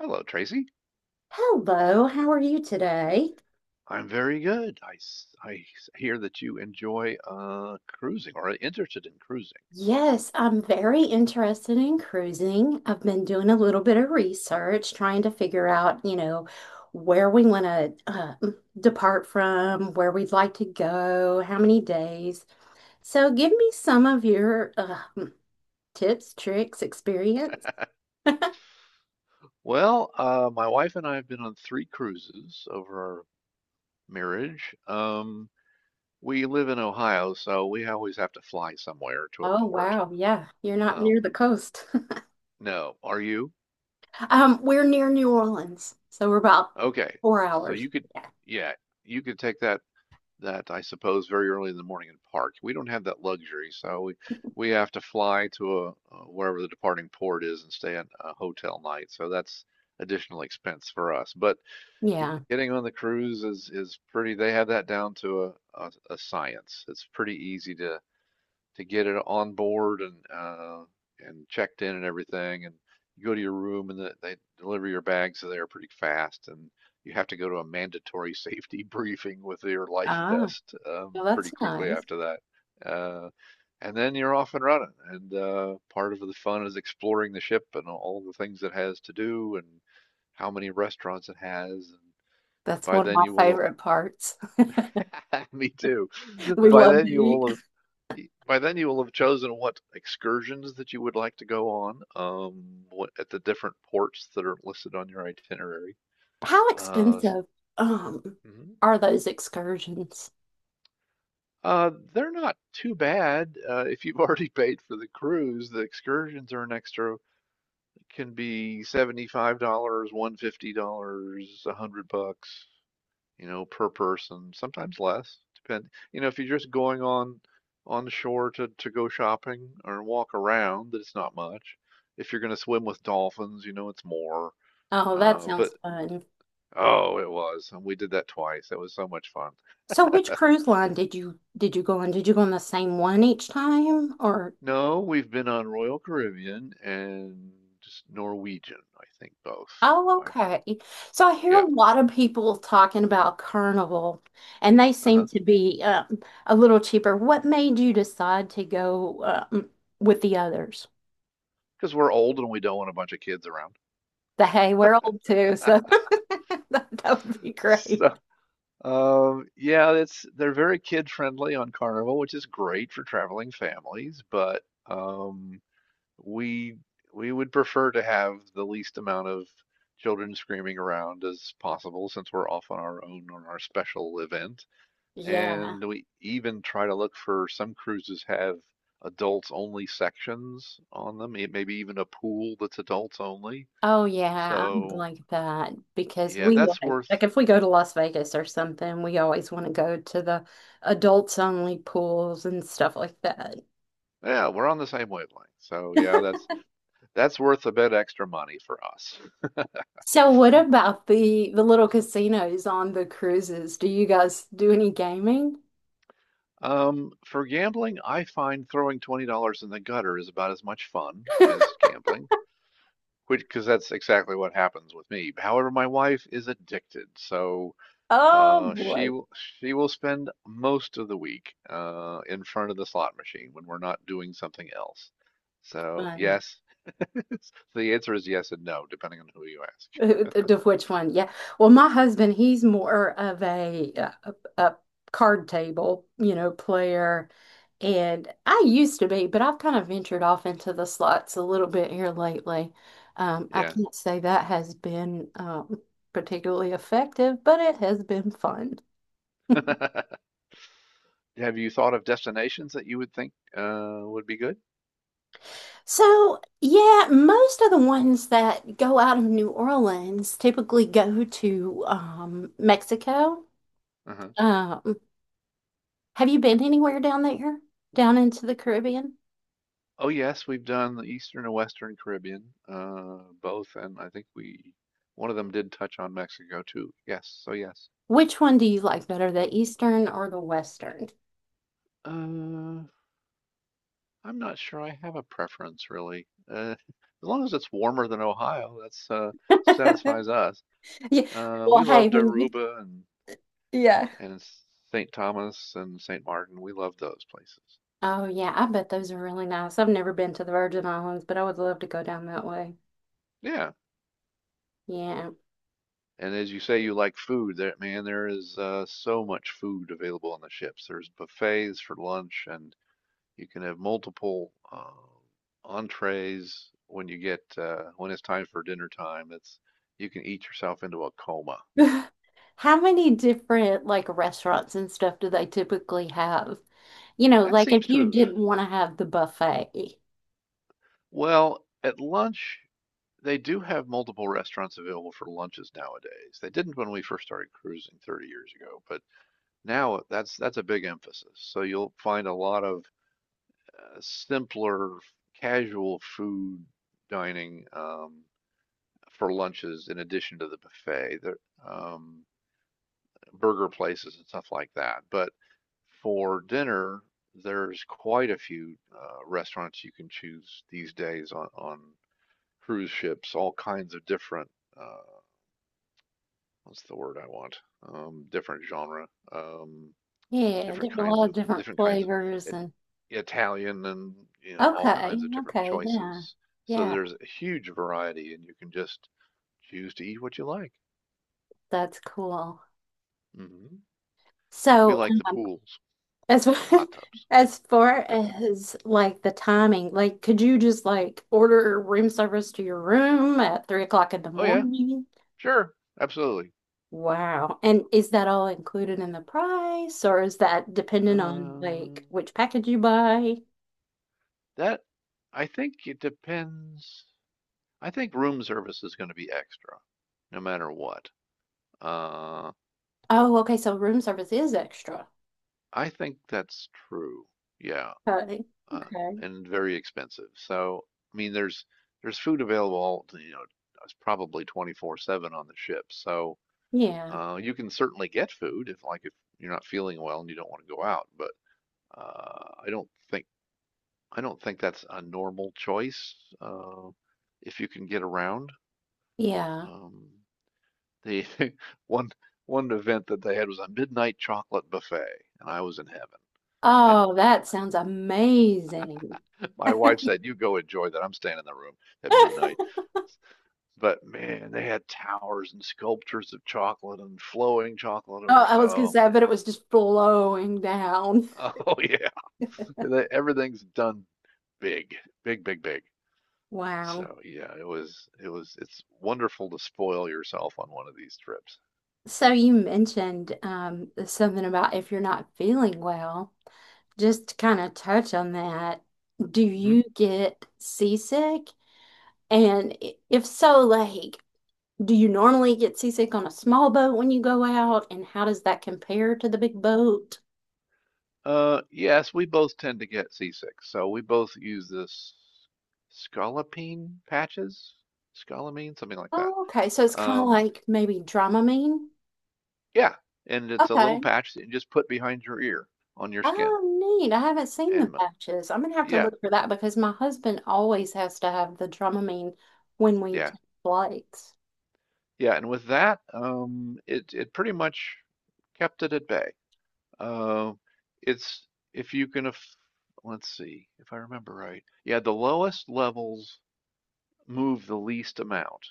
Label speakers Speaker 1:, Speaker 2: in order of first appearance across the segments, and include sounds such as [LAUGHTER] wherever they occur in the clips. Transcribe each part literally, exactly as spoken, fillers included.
Speaker 1: Hello, Tracy.
Speaker 2: Hello, how are you today?
Speaker 1: I'm very good. I, s- I s- hear that you enjoy uh, cruising or are interested in cruising.
Speaker 2: Yes, I'm very interested in cruising. I've been doing a little bit of research, trying to figure out, you know, where we want to uh, depart from, where we'd like to go, how many days. So give me some of your uh, tips, tricks, experience.
Speaker 1: Well, uh, my wife and I have been on three cruises over our marriage. Um, we live in Ohio, so we always have to fly somewhere to a
Speaker 2: Oh,
Speaker 1: port.
Speaker 2: wow. Yeah, you're not near the
Speaker 1: Um,
Speaker 2: coast. [LAUGHS]
Speaker 1: no, are you?
Speaker 2: Um, we're near New Orleans, so we're about
Speaker 1: Okay,
Speaker 2: four
Speaker 1: so
Speaker 2: hours.
Speaker 1: you could,
Speaker 2: Yeah.
Speaker 1: yeah, you could take that that I suppose very early in the morning and park. We don't have that luxury, so we we have to fly to a, uh wherever the departing port is and stay at a hotel night. So that's additional expense for us. But ge-
Speaker 2: Yeah.
Speaker 1: getting on the cruise is is pretty. They have that down to a a, a science. It's pretty easy to to get it on board and uh, and checked in and everything. And you go to your room and the, they deliver your bags there pretty fast. And you have to go to a mandatory [LAUGHS] safety briefing with your life
Speaker 2: Ah,
Speaker 1: vest um,
Speaker 2: well,
Speaker 1: pretty
Speaker 2: that's
Speaker 1: quickly
Speaker 2: nice.
Speaker 1: after that. Uh, and then you're off and running. And uh, part of the fun is exploring the ship and all the things it has to do and how many restaurants it has. And
Speaker 2: That's
Speaker 1: by
Speaker 2: one of
Speaker 1: then
Speaker 2: my
Speaker 1: you will
Speaker 2: favorite parts. [LAUGHS]
Speaker 1: have, [LAUGHS] me too.
Speaker 2: We
Speaker 1: By
Speaker 2: love to
Speaker 1: then you
Speaker 2: eat.
Speaker 1: will have by then you will have chosen what excursions that you would like to go on, um what at the different ports that are listed on your itinerary.
Speaker 2: How
Speaker 1: uh s-
Speaker 2: expensive um
Speaker 1: mhm.
Speaker 2: are those excursions?
Speaker 1: Uh they're not too bad. Uh if you've [LAUGHS] already paid for the cruise, the excursions are an extra. Can be seventy-five dollars, one hundred fifty dollars, a 100 bucks, you know, per person, sometimes less. Depend, you know, if you're just going on on the shore to to go shopping or walk around, that it's not much. If you're going to swim with dolphins, you know, it's more.
Speaker 2: Oh, that
Speaker 1: Uh,
Speaker 2: sounds
Speaker 1: but
Speaker 2: fun.
Speaker 1: Oh, it was, and we did that twice. That was so much fun.
Speaker 2: So which cruise line did you did you go on? Did you go on the same one each time or?
Speaker 1: No, we've been on Royal Caribbean and just Norwegian, I think both.
Speaker 2: Oh,
Speaker 1: I
Speaker 2: okay. So I hear a
Speaker 1: Yeah,
Speaker 2: lot of people talking about Carnival, and they seem
Speaker 1: uh-huh.
Speaker 2: to be um, a little cheaper. What made you decide to go um, with the others?
Speaker 1: Because we're old and we don't want a bunch of kids around.
Speaker 2: The hey, we're old too, so [LAUGHS]
Speaker 1: [LAUGHS]
Speaker 2: that, that would be great.
Speaker 1: So Um, yeah, it's they're very kid friendly on Carnival, which is great for traveling families, but um, we we would prefer to have the least amount of children screaming around as possible since we're off on our own on our special event.
Speaker 2: Yeah.
Speaker 1: And we even try to look for some cruises have adults only sections on them, e- maybe even a pool that's adults only.
Speaker 2: Oh yeah, I'm
Speaker 1: So,
Speaker 2: like that because
Speaker 1: yeah,
Speaker 2: we
Speaker 1: that's
Speaker 2: like
Speaker 1: worth,
Speaker 2: like if we go to Las Vegas or something, we always want to go to the adults only pools and stuff like that.
Speaker 1: yeah, we're on the same wavelength. So, yeah,
Speaker 2: [LAUGHS]
Speaker 1: that's That's worth a bit extra money for us. [LAUGHS]
Speaker 2: So what about the the little casinos on the cruises? Do you guys do any gaming?
Speaker 1: Um, for gambling, I find throwing twenty dollars in the gutter is about as much fun as gambling, which because that's exactly what happens with me. However, my wife is addicted, so
Speaker 2: Oh
Speaker 1: uh, she
Speaker 2: boy.
Speaker 1: will- she will spend most of the week uh, in front of the slot machine when we're not doing something else. So
Speaker 2: Fun.
Speaker 1: yes, [LAUGHS] the answer is yes and no, depending on who you ask.
Speaker 2: [LAUGHS] Of which one? Yeah. Well, my husband, he's more of a, a a card table, you know, player. And I used to be, but I've kind of ventured off into the slots a little bit here lately. Um, I
Speaker 1: Yeah.
Speaker 2: can't say that has been um, particularly effective, but it has been fun.
Speaker 1: [LAUGHS] Have you thought of destinations that you would think uh, would be good?
Speaker 2: So, yeah, most of the ones that go out of New Orleans typically go to um, Mexico.
Speaker 1: Uh-huh.
Speaker 2: Um, Have you been anywhere down there? Down into the Caribbean?
Speaker 1: Oh yes, we've done the Eastern and Western Caribbean, uh, both, and I think we one of them did touch on Mexico too. Yes, so yes.
Speaker 2: Which one do you like better, the Eastern or the Western?
Speaker 1: Uh, I'm not sure I have a preference really. Uh, [LAUGHS] as long as it's warmer than Ohio, that's uh,
Speaker 2: [LAUGHS]
Speaker 1: satisfies us.
Speaker 2: Yeah.
Speaker 1: Uh,
Speaker 2: Well,
Speaker 1: we
Speaker 2: hey,
Speaker 1: loved
Speaker 2: when you—
Speaker 1: Aruba and
Speaker 2: Yeah.
Speaker 1: and Saint Thomas and Saint Martin. We love those places.
Speaker 2: Oh yeah, I bet those are really nice. I've never been to the Virgin Islands, but I would love to go down that way.
Speaker 1: Yeah,
Speaker 2: Yeah.
Speaker 1: and as you say, you like food. There, man, there is uh, so much food available on the ships. There's buffets for lunch, and you can have multiple uh, entrees when you get uh, when it's time for dinner time. That's You can eat yourself into a coma.
Speaker 2: [SIGHS] [LAUGHS] How many different like restaurants and stuff do they typically have? You know,
Speaker 1: That
Speaker 2: like
Speaker 1: seems
Speaker 2: if
Speaker 1: to
Speaker 2: you
Speaker 1: have
Speaker 2: didn't want to have the buffet.
Speaker 1: Well, at lunch they do have multiple restaurants available for lunches nowadays. They didn't when we first started cruising thirty years ago, but now that's that's a big emphasis. So you'll find a lot of uh, simpler, casual food dining, um, for lunches in addition to the buffet. There, um, burger places and stuff like that. But for dinner, there's quite a few uh, restaurants you can choose these days on, on cruise ships, all kinds of different, uh, what's the word I want? Um, different genre, um,
Speaker 2: Yeah,
Speaker 1: different
Speaker 2: there's a
Speaker 1: kinds
Speaker 2: lot of
Speaker 1: of,
Speaker 2: different
Speaker 1: different kinds of
Speaker 2: flavors
Speaker 1: it,
Speaker 2: and
Speaker 1: Italian, and, you know, all
Speaker 2: okay,
Speaker 1: kinds of different
Speaker 2: okay, yeah.
Speaker 1: choices. So
Speaker 2: Yeah,
Speaker 1: there's a huge variety and you can just choose to eat what you like.
Speaker 2: that's cool.
Speaker 1: hmm We
Speaker 2: So
Speaker 1: like the pools
Speaker 2: as
Speaker 1: and
Speaker 2: [LAUGHS]
Speaker 1: hot tubs.
Speaker 2: as far as like the timing, like could you just like order room service to your room at three o'clock in the
Speaker 1: Oh yeah.
Speaker 2: morning?
Speaker 1: Sure, absolutely.
Speaker 2: Wow. And is that all included in the price or is that dependent on
Speaker 1: Uh,
Speaker 2: like which package you buy?
Speaker 1: that I think it depends. I think room service is going to be extra, no matter what. Uh,
Speaker 2: Oh, okay, so room service is extra.
Speaker 1: I think that's true. Yeah,
Speaker 2: Okay.
Speaker 1: uh,
Speaker 2: Okay.
Speaker 1: and very expensive. So, I mean, there's there's food available, you know, it's probably twenty-four seven on the ship. So,
Speaker 2: Yeah.
Speaker 1: uh, you can certainly get food if, like, if you're not feeling well and you don't want to go out. But uh, I don't think I don't think that's a normal choice, uh, if you can get around.
Speaker 2: Yeah.
Speaker 1: Um, the [LAUGHS] one one event that they had was a midnight chocolate buffet, and I was in heaven. I,
Speaker 2: Oh,
Speaker 1: I
Speaker 2: that sounds amazing.
Speaker 1: [LAUGHS] My
Speaker 2: [LAUGHS]
Speaker 1: wife said, "You go enjoy that. I'm staying in the room at midnight." But man, they had towers and sculptures of chocolate and flowing chocolate
Speaker 2: Oh,
Speaker 1: over
Speaker 2: I
Speaker 1: stuff.
Speaker 2: was gonna
Speaker 1: Oh
Speaker 2: say,
Speaker 1: man,
Speaker 2: but it was just flowing down.
Speaker 1: oh yeah, [LAUGHS] everything's done big, big, big, big.
Speaker 2: Wow.
Speaker 1: So yeah, it was it was it's wonderful to spoil yourself on one of these trips.
Speaker 2: So you mentioned um, something about if you're not feeling well, just to kind of touch on that, do
Speaker 1: hmm
Speaker 2: you get seasick? And i- if so, like, do you normally get seasick on a small boat when you go out? And how does that compare to the big boat?
Speaker 1: Uh, yes, we both tend to get seasick, so we both use this scopolamine patches, scopolamine, something like that.
Speaker 2: Oh, okay. So it's kind of
Speaker 1: Um,
Speaker 2: like maybe Dramamine.
Speaker 1: yeah, and it's a little
Speaker 2: Okay.
Speaker 1: patch that you just put behind your ear on your skin,
Speaker 2: Oh, neat. I haven't seen the
Speaker 1: and m-
Speaker 2: patches. I'm gonna have to
Speaker 1: yeah,
Speaker 2: look for that because my husband always has to have the Dramamine when we
Speaker 1: yeah,
Speaker 2: take flights.
Speaker 1: yeah. And with that, um, it it pretty much kept it at bay. Uh, it's, if you can, let's see, if I remember right. Yeah, the lowest levels move the least amount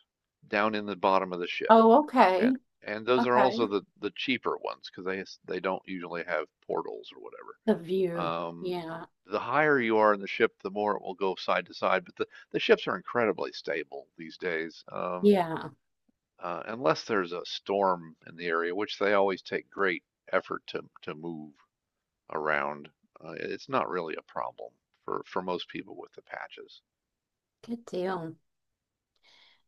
Speaker 1: down in the bottom of the ship.
Speaker 2: Oh,
Speaker 1: And,
Speaker 2: okay.
Speaker 1: and those are
Speaker 2: Okay.
Speaker 1: also the, the cheaper ones because they, they don't usually have portals or
Speaker 2: The
Speaker 1: whatever.
Speaker 2: view.
Speaker 1: Um,
Speaker 2: Yeah.
Speaker 1: the higher you are in the ship, the more it will go side to side. But the, the ships are incredibly stable these days. Um,
Speaker 2: Yeah.
Speaker 1: uh, unless there's a storm in the area, which they always take great effort to, to move around, uh, it's not really a problem for, for most people with the patches.
Speaker 2: Good deal.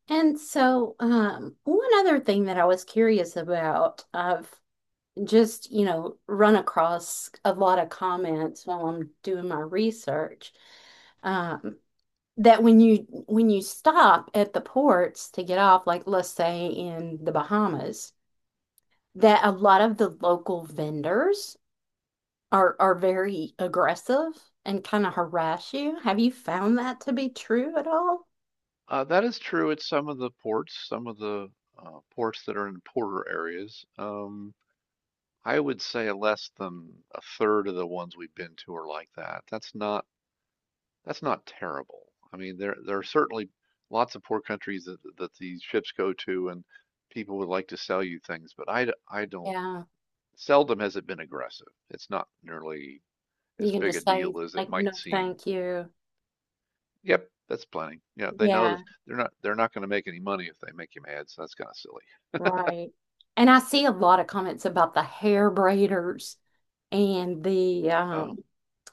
Speaker 2: And so, um, one other thing that I was curious about, I've just, you know, run across a lot of comments while I'm doing my research, um, that when you when you stop at the ports to get off, like let's say in the Bahamas, that a lot of the local vendors are are very aggressive and kind of harass you. Have you found that to be true at all?
Speaker 1: Uh, that is true at some of the ports, some of the uh, ports that are in poorer areas. Um, I would say less than a third of the ones we've been to are like that. That's not that's not terrible. I mean, there there are certainly lots of poor countries that that these ships go to, and people would like to sell you things, but I I d- I don't.
Speaker 2: Yeah.
Speaker 1: Seldom has it been aggressive. It's not nearly
Speaker 2: You
Speaker 1: as
Speaker 2: can
Speaker 1: big a
Speaker 2: just say
Speaker 1: deal as it
Speaker 2: like no
Speaker 1: might seem.
Speaker 2: thank you.
Speaker 1: Yep, that's planning. Yeah, they know
Speaker 2: Yeah,
Speaker 1: that they're not they're not going to make any money if they make you mad, so that's kind of silly.
Speaker 2: right. And I see a lot of comments about the hair braiders and the um
Speaker 1: Oh,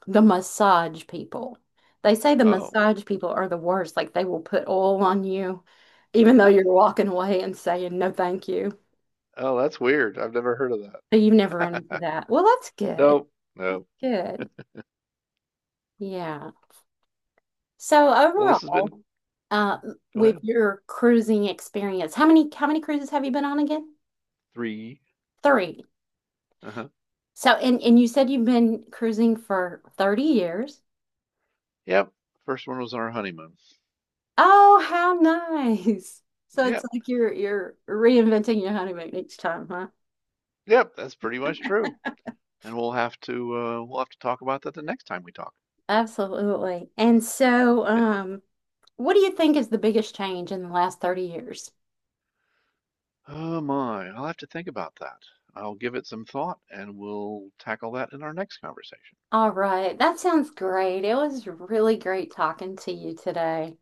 Speaker 2: the massage people. They say the
Speaker 1: oh,
Speaker 2: massage people are the worst. Like they will put oil on you even though you're walking away and saying no thank you.
Speaker 1: oh, that's weird. I've never heard of
Speaker 2: So you've never run into
Speaker 1: that. [LAUGHS]
Speaker 2: that. Well, that's good.
Speaker 1: Nope,
Speaker 2: That's
Speaker 1: no.
Speaker 2: good. Yeah. So
Speaker 1: Well, this has been,
Speaker 2: overall, uh,
Speaker 1: go
Speaker 2: with
Speaker 1: ahead.
Speaker 2: your cruising experience, how many how many cruises have you been on again?
Speaker 1: Three.
Speaker 2: Three.
Speaker 1: Uh-huh.
Speaker 2: So and and you said you've been cruising for thirty years.
Speaker 1: Yep. First one was on our honeymoon.
Speaker 2: Oh, how nice. [LAUGHS] So it's
Speaker 1: Yep.
Speaker 2: like you're you're reinventing your honeymoon each time, huh?
Speaker 1: Yep, that's pretty much true. And we'll have to uh we'll have to talk about that the next time we talk.
Speaker 2: Absolutely. And so,
Speaker 1: [LAUGHS]
Speaker 2: um, what do you think is the biggest change in the last thirty years?
Speaker 1: Oh my, I'll have to think about that. I'll give it some thought and we'll tackle that in our next conversation.
Speaker 2: All right, that sounds great. It was really great talking to you today.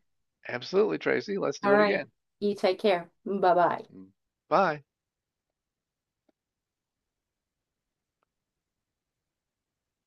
Speaker 1: Absolutely, Tracy. Let's
Speaker 2: All
Speaker 1: do it
Speaker 2: right,
Speaker 1: again.
Speaker 2: you take care. Bye-bye.
Speaker 1: Mm, Bye.